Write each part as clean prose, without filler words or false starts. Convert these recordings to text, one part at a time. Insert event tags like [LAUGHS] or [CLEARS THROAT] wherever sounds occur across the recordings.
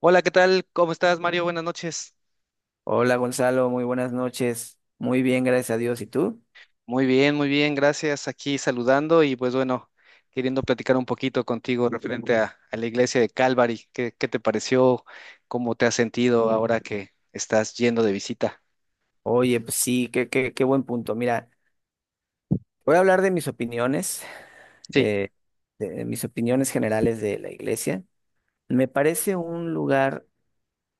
Hola, ¿qué tal? ¿Cómo estás, Mario? Buenas noches. Hola Gonzalo, muy buenas noches. Muy bien, gracias a Dios. ¿Y tú? Muy bien, gracias. Aquí saludando y pues bueno, queriendo platicar un poquito contigo referente a la iglesia de Calvary. ¿Qué te pareció? ¿Cómo te has sentido ahora que estás yendo de visita? Oye, pues sí, qué buen punto. Mira, voy a hablar Sí. eh, de mis opiniones generales de la iglesia. Me parece un lugar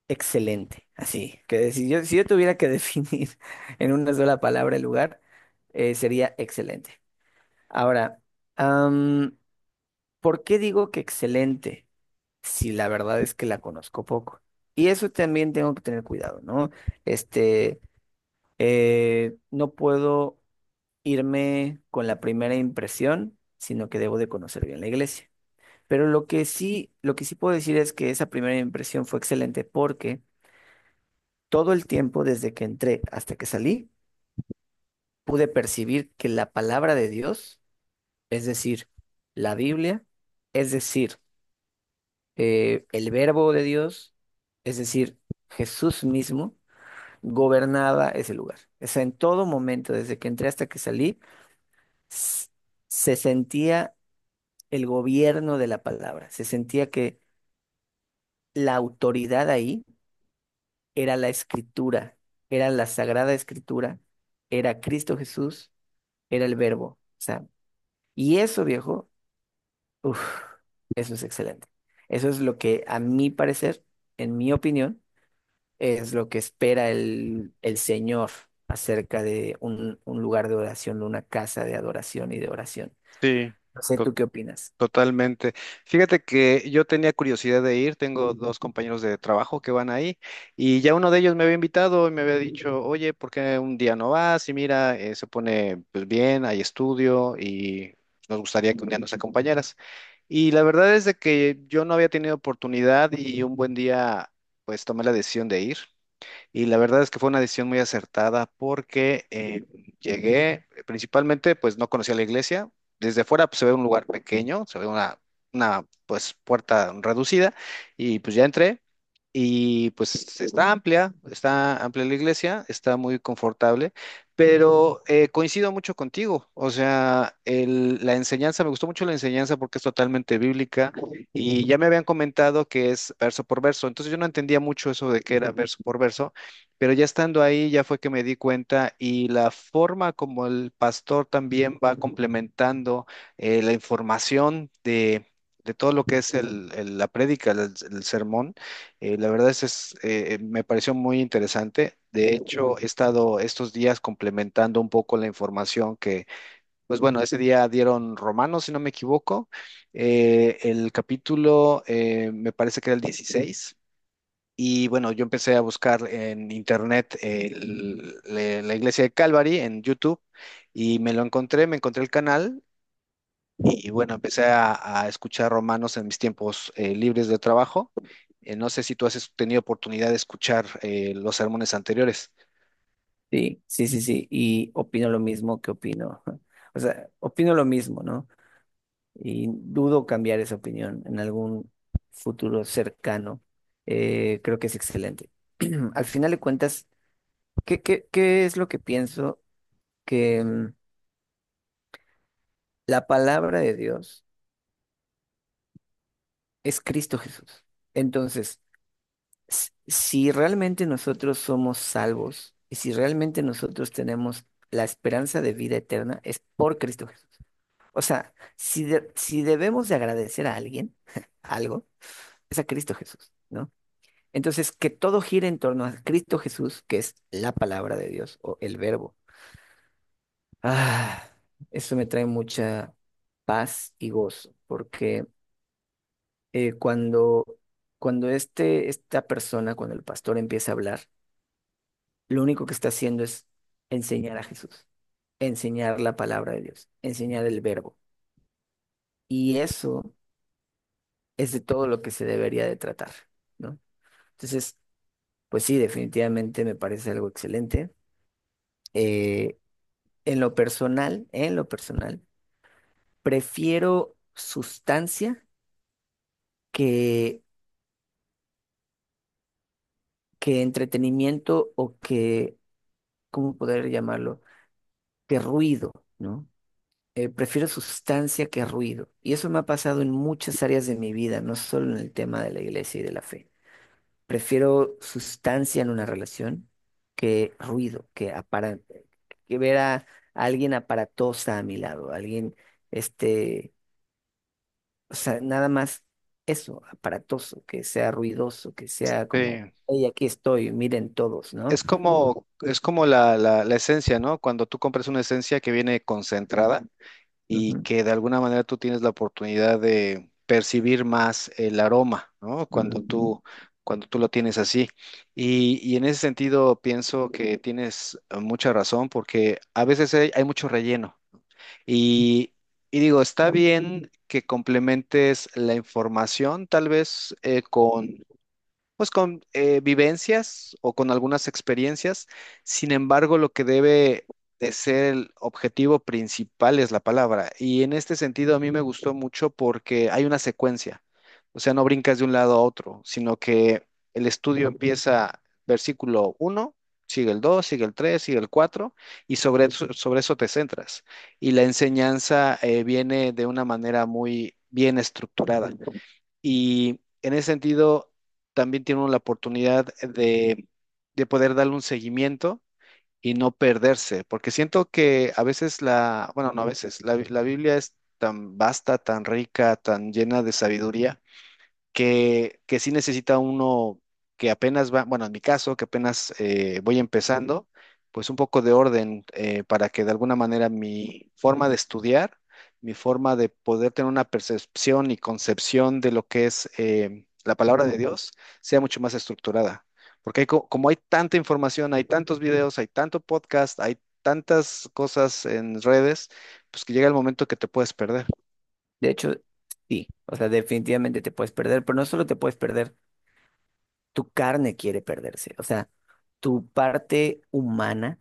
excelente, así, que si yo tuviera que [LAUGHS] definir en una sola palabra el lugar, sería excelente. Ahora, am, ¿por qué digo que excelente? Si la verdad es que la conozco poco. Y eso también tengo que tener cuidado, ¿no? Este, no puedo irme con la primera impresión, sino que debo de conocer bien la iglesia. Pero lo que sí puedo decir es que esa primera impresión fue excelente porque todo el tiempo desde que entré hasta que salí, pude percibir que la palabra de Dios, es decir, la Biblia, es decir, el verbo de Dios, es decir, Jesús mismo, gobernaba ese lugar. O sea, en todo momento, desde que entré hasta que salí, s- se sentía el gobierno de la palabra, se sentía que la autoridad ahí era la escritura, era la sagrada escritura, era Cristo Jesús, era el verbo. O sea, y eso, viejo, uf, eso es excelente. Eso es lo que, a mi parecer, en mi opinión, es lo que espera el Señor acerca de un lugar de oración, de una casa de adoración y de oración. Sí, No sé, ¿tú qué opinas? totalmente. Fíjate que yo tenía curiosidad de ir, tengo dos compañeros de trabajo que van ahí y ya uno de ellos me había invitado y me había dicho, oye, ¿por qué un día no vas? Y mira, se pone pues bien, hay estudio y nos gustaría que un día nos acompañaras. Y la verdad es de que yo no había tenido oportunidad y un buen día pues tomé la decisión de ir. Y la verdad es que fue una decisión muy acertada porque llegué, principalmente, pues no conocía la iglesia. Desde fuera pues, se ve un lugar pequeño, se ve una pues, puerta reducida y pues ya entré y pues está amplia la iglesia, está muy confortable, pero coincido mucho contigo. O sea, la enseñanza, me gustó mucho la enseñanza porque es totalmente bíblica. Y ya me habían comentado que es verso por verso, entonces yo no entendía mucho eso de que era verso por verso, pero ya estando ahí, ya fue que me di cuenta y la forma como el pastor también va complementando la información de todo lo que es la prédica, el sermón, la verdad es, me pareció muy interesante. De hecho, he estado estos días complementando un poco la información que, pues bueno, ese día dieron Romanos, si no me equivoco, el capítulo me parece que era el 16, y bueno, yo empecé a buscar en internet la iglesia de Calvary en YouTube y me lo encontré, me encontré el canal y bueno, empecé a escuchar romanos en mis tiempos libres de trabajo. No sé si tú has tenido oportunidad de escuchar los sermones anteriores. Sí, sí, sí, sí, y opino lo mismo que opino. [LAUGHS] O sea, opino lo mismo, ¿no? Y dudo cambiar esa opinión en algún futuro cercano. Creo que es excelente. [CLEARS THROAT] Al final de cuentas, ¿qué es lo que pienso? Que la palabra de Dios es Cristo Jesús. Entonces, si realmente nosotros somos salvos y si realmente nosotros tenemos la esperanza de vida eterna, es por Cristo Jesús. O sea, si debemos de agradecer a alguien [LAUGHS] algo, es a Cristo Jesús, ¿no? Entonces, que todo gire en torno a Cristo Jesús, que es la palabra de Dios o el verbo. Ah, eso me trae mucha paz y gozo, porque eh, cuando, cuando esta persona, cuando el pastor empieza a hablar, lo único que está haciendo es enseñar a Jesús, enseñar la palabra de Dios, enseñar el verbo. Y eso es de todo lo que se debería de tratar, ¿no? Entonces, pues sí, definitivamente me parece algo excelente. Eh, en lo personal, prefiero sustancia que, que entretenimiento o que, ¿cómo poder llamarlo? Que ruido, ¿no? Prefiero sustancia que ruido. Y eso me ha pasado en muchas áreas de mi vida, no solo en el tema de la iglesia y de la fe. Prefiero sustancia en una relación que ruido, que ver a alguien aparatosa a mi lado, este, o sea, nada más eso, aparatoso, que sea ruidoso, que sea como, Sí. hey, aquí estoy, miren todos, ¿no? Es como la, la esencia, ¿no? Cuando tú compras una esencia que viene concentrada y Ujú, que de alguna manera tú tienes la oportunidad de percibir más el aroma, ¿no? Ujú. Cuando tú lo tienes así. Y en ese sentido pienso que tienes mucha razón porque a veces hay, hay mucho relleno. Y, y digo, está bien que complementes la información tal vez con pues con vivencias o con algunas experiencias. Sin embargo, lo que debe de ser el objetivo principal es la palabra. Y en este sentido a mí me gustó mucho porque hay una secuencia. O sea, no brincas de un lado a otro, sino que el estudio empieza versículo uno, sigue el 2, sigue el 3, sigue el 4 y sobre eso te centras. Y la enseñanza viene de una manera muy bien estructurada. Y en ese sentido, también tiene uno la oportunidad de poder darle un seguimiento y no perderse, porque siento que a veces la, bueno, no a veces, la, la Biblia es tan vasta, tan rica, tan llena de sabiduría que sí necesita uno que apenas va, bueno, en mi caso, que apenas voy empezando, pues un poco de orden para que de alguna manera mi forma de estudiar, mi forma de poder tener una percepción y concepción de lo que es la palabra de Dios sea mucho más estructurada. Porque hay como hay tanta información, hay tantos videos, hay tanto podcast, hay tantas cosas en redes, pues que llega el momento que te puedes perder. De hecho, sí, o sea, definitivamente te puedes perder, pero no solo te puedes perder. Tu carne quiere perderse, o sea, tu parte humana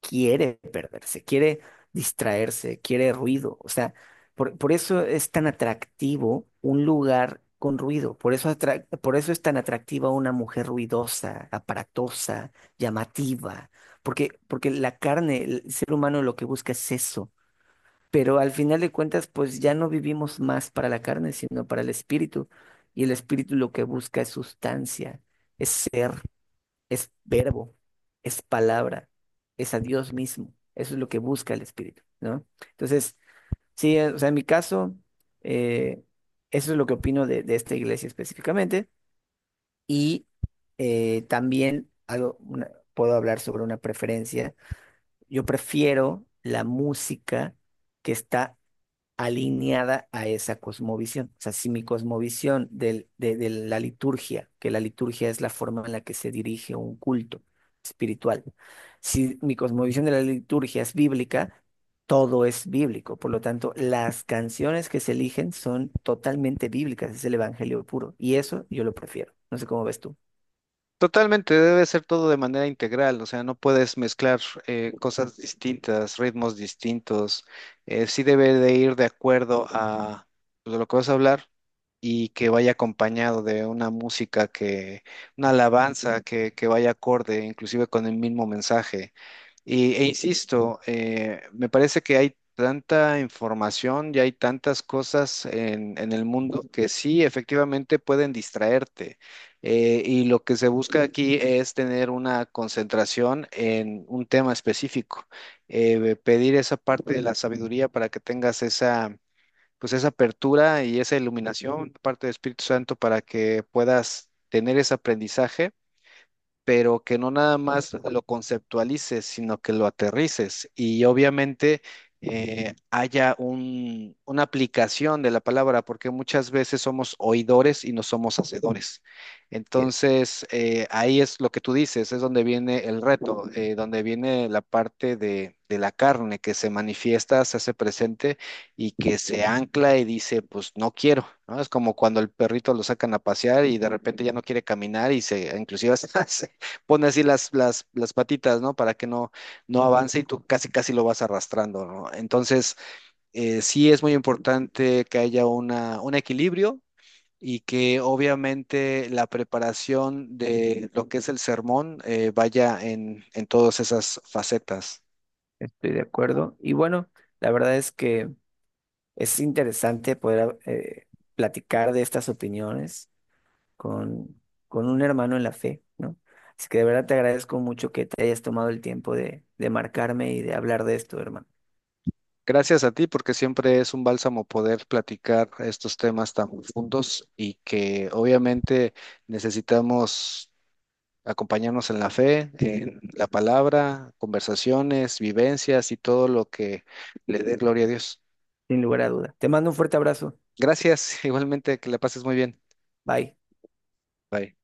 quiere perderse, quiere distraerse, quiere ruido, o sea, por eso es tan atractivo un lugar con ruido, por eso es tan atractiva una mujer ruidosa, aparatosa, llamativa, porque la carne, el ser humano lo que busca es eso, pero al final de cuentas, pues ya no vivimos más para la carne, sino para el espíritu. Y el espíritu lo que busca es sustancia, es ser, es verbo, es palabra, es a Dios mismo. Eso es lo que busca el espíritu, ¿no? Entonces, sí, o sea, en mi caso, eh, eso es lo que opino de esta iglesia específicamente. Y puedo hablar sobre una preferencia. Yo prefiero la música que está alineada a esa cosmovisión. O sea, si mi cosmovisión de la liturgia, que la liturgia es la forma en la que se dirige un culto espiritual, si mi cosmovisión de la liturgia es bíblica, todo es bíblico. Por lo tanto, las canciones que se eligen son totalmente bíblicas, es el evangelio puro. Y eso yo lo prefiero. No sé cómo ves tú. Totalmente, debe ser todo de manera integral, o sea, no puedes mezclar cosas distintas, ritmos distintos, sí debe de ir de acuerdo a lo que vas a hablar y que vaya acompañado de una música que, una alabanza que vaya acorde, inclusive con el mismo mensaje. Y, e insisto, me parece que hay tanta información y hay tantas cosas en el mundo que sí, efectivamente pueden distraerte. Y lo que se busca aquí es tener una concentración en un tema específico. Pedir esa parte de la sabiduría para que tengas esa, pues esa apertura y esa iluminación, de parte del Espíritu Santo, para que puedas tener ese aprendizaje pero que no nada más lo conceptualices, sino que lo aterrices y obviamente haya una aplicación de la palabra, porque muchas veces somos oidores y no somos hacedores. Bien, Entonces, ahí es lo que tú dices, es donde viene el reto, donde viene la parte de la carne que se manifiesta, se hace presente y que se ancla y dice, pues no quiero, ¿no? Es como cuando el perrito lo sacan a pasear y de repente ya no quiere caminar y se, inclusive [LAUGHS] pone así las patitas, ¿no? Para que no, no avance y tú casi, casi lo vas arrastrando, ¿no? Entonces, sí es muy importante que haya una, un equilibrio y que obviamente la preparación de lo que es el sermón vaya en todas esas facetas. estoy de acuerdo. Y bueno, la verdad es que es interesante poder platicar de estas opiniones con, con un hermano en la fe, ¿no? Así que de verdad te agradezco mucho que te hayas tomado el tiempo de marcarme y de hablar de esto, hermano. Gracias a ti, porque siempre es un bálsamo poder platicar estos temas tan profundos y que obviamente necesitamos acompañarnos en la fe, en la palabra, conversaciones, vivencias y todo lo que le dé gloria a Dios. Sin lugar a duda. Te mando un fuerte abrazo. Gracias, [LAUGHS] igualmente, que la pases muy bien. Bye. Bye.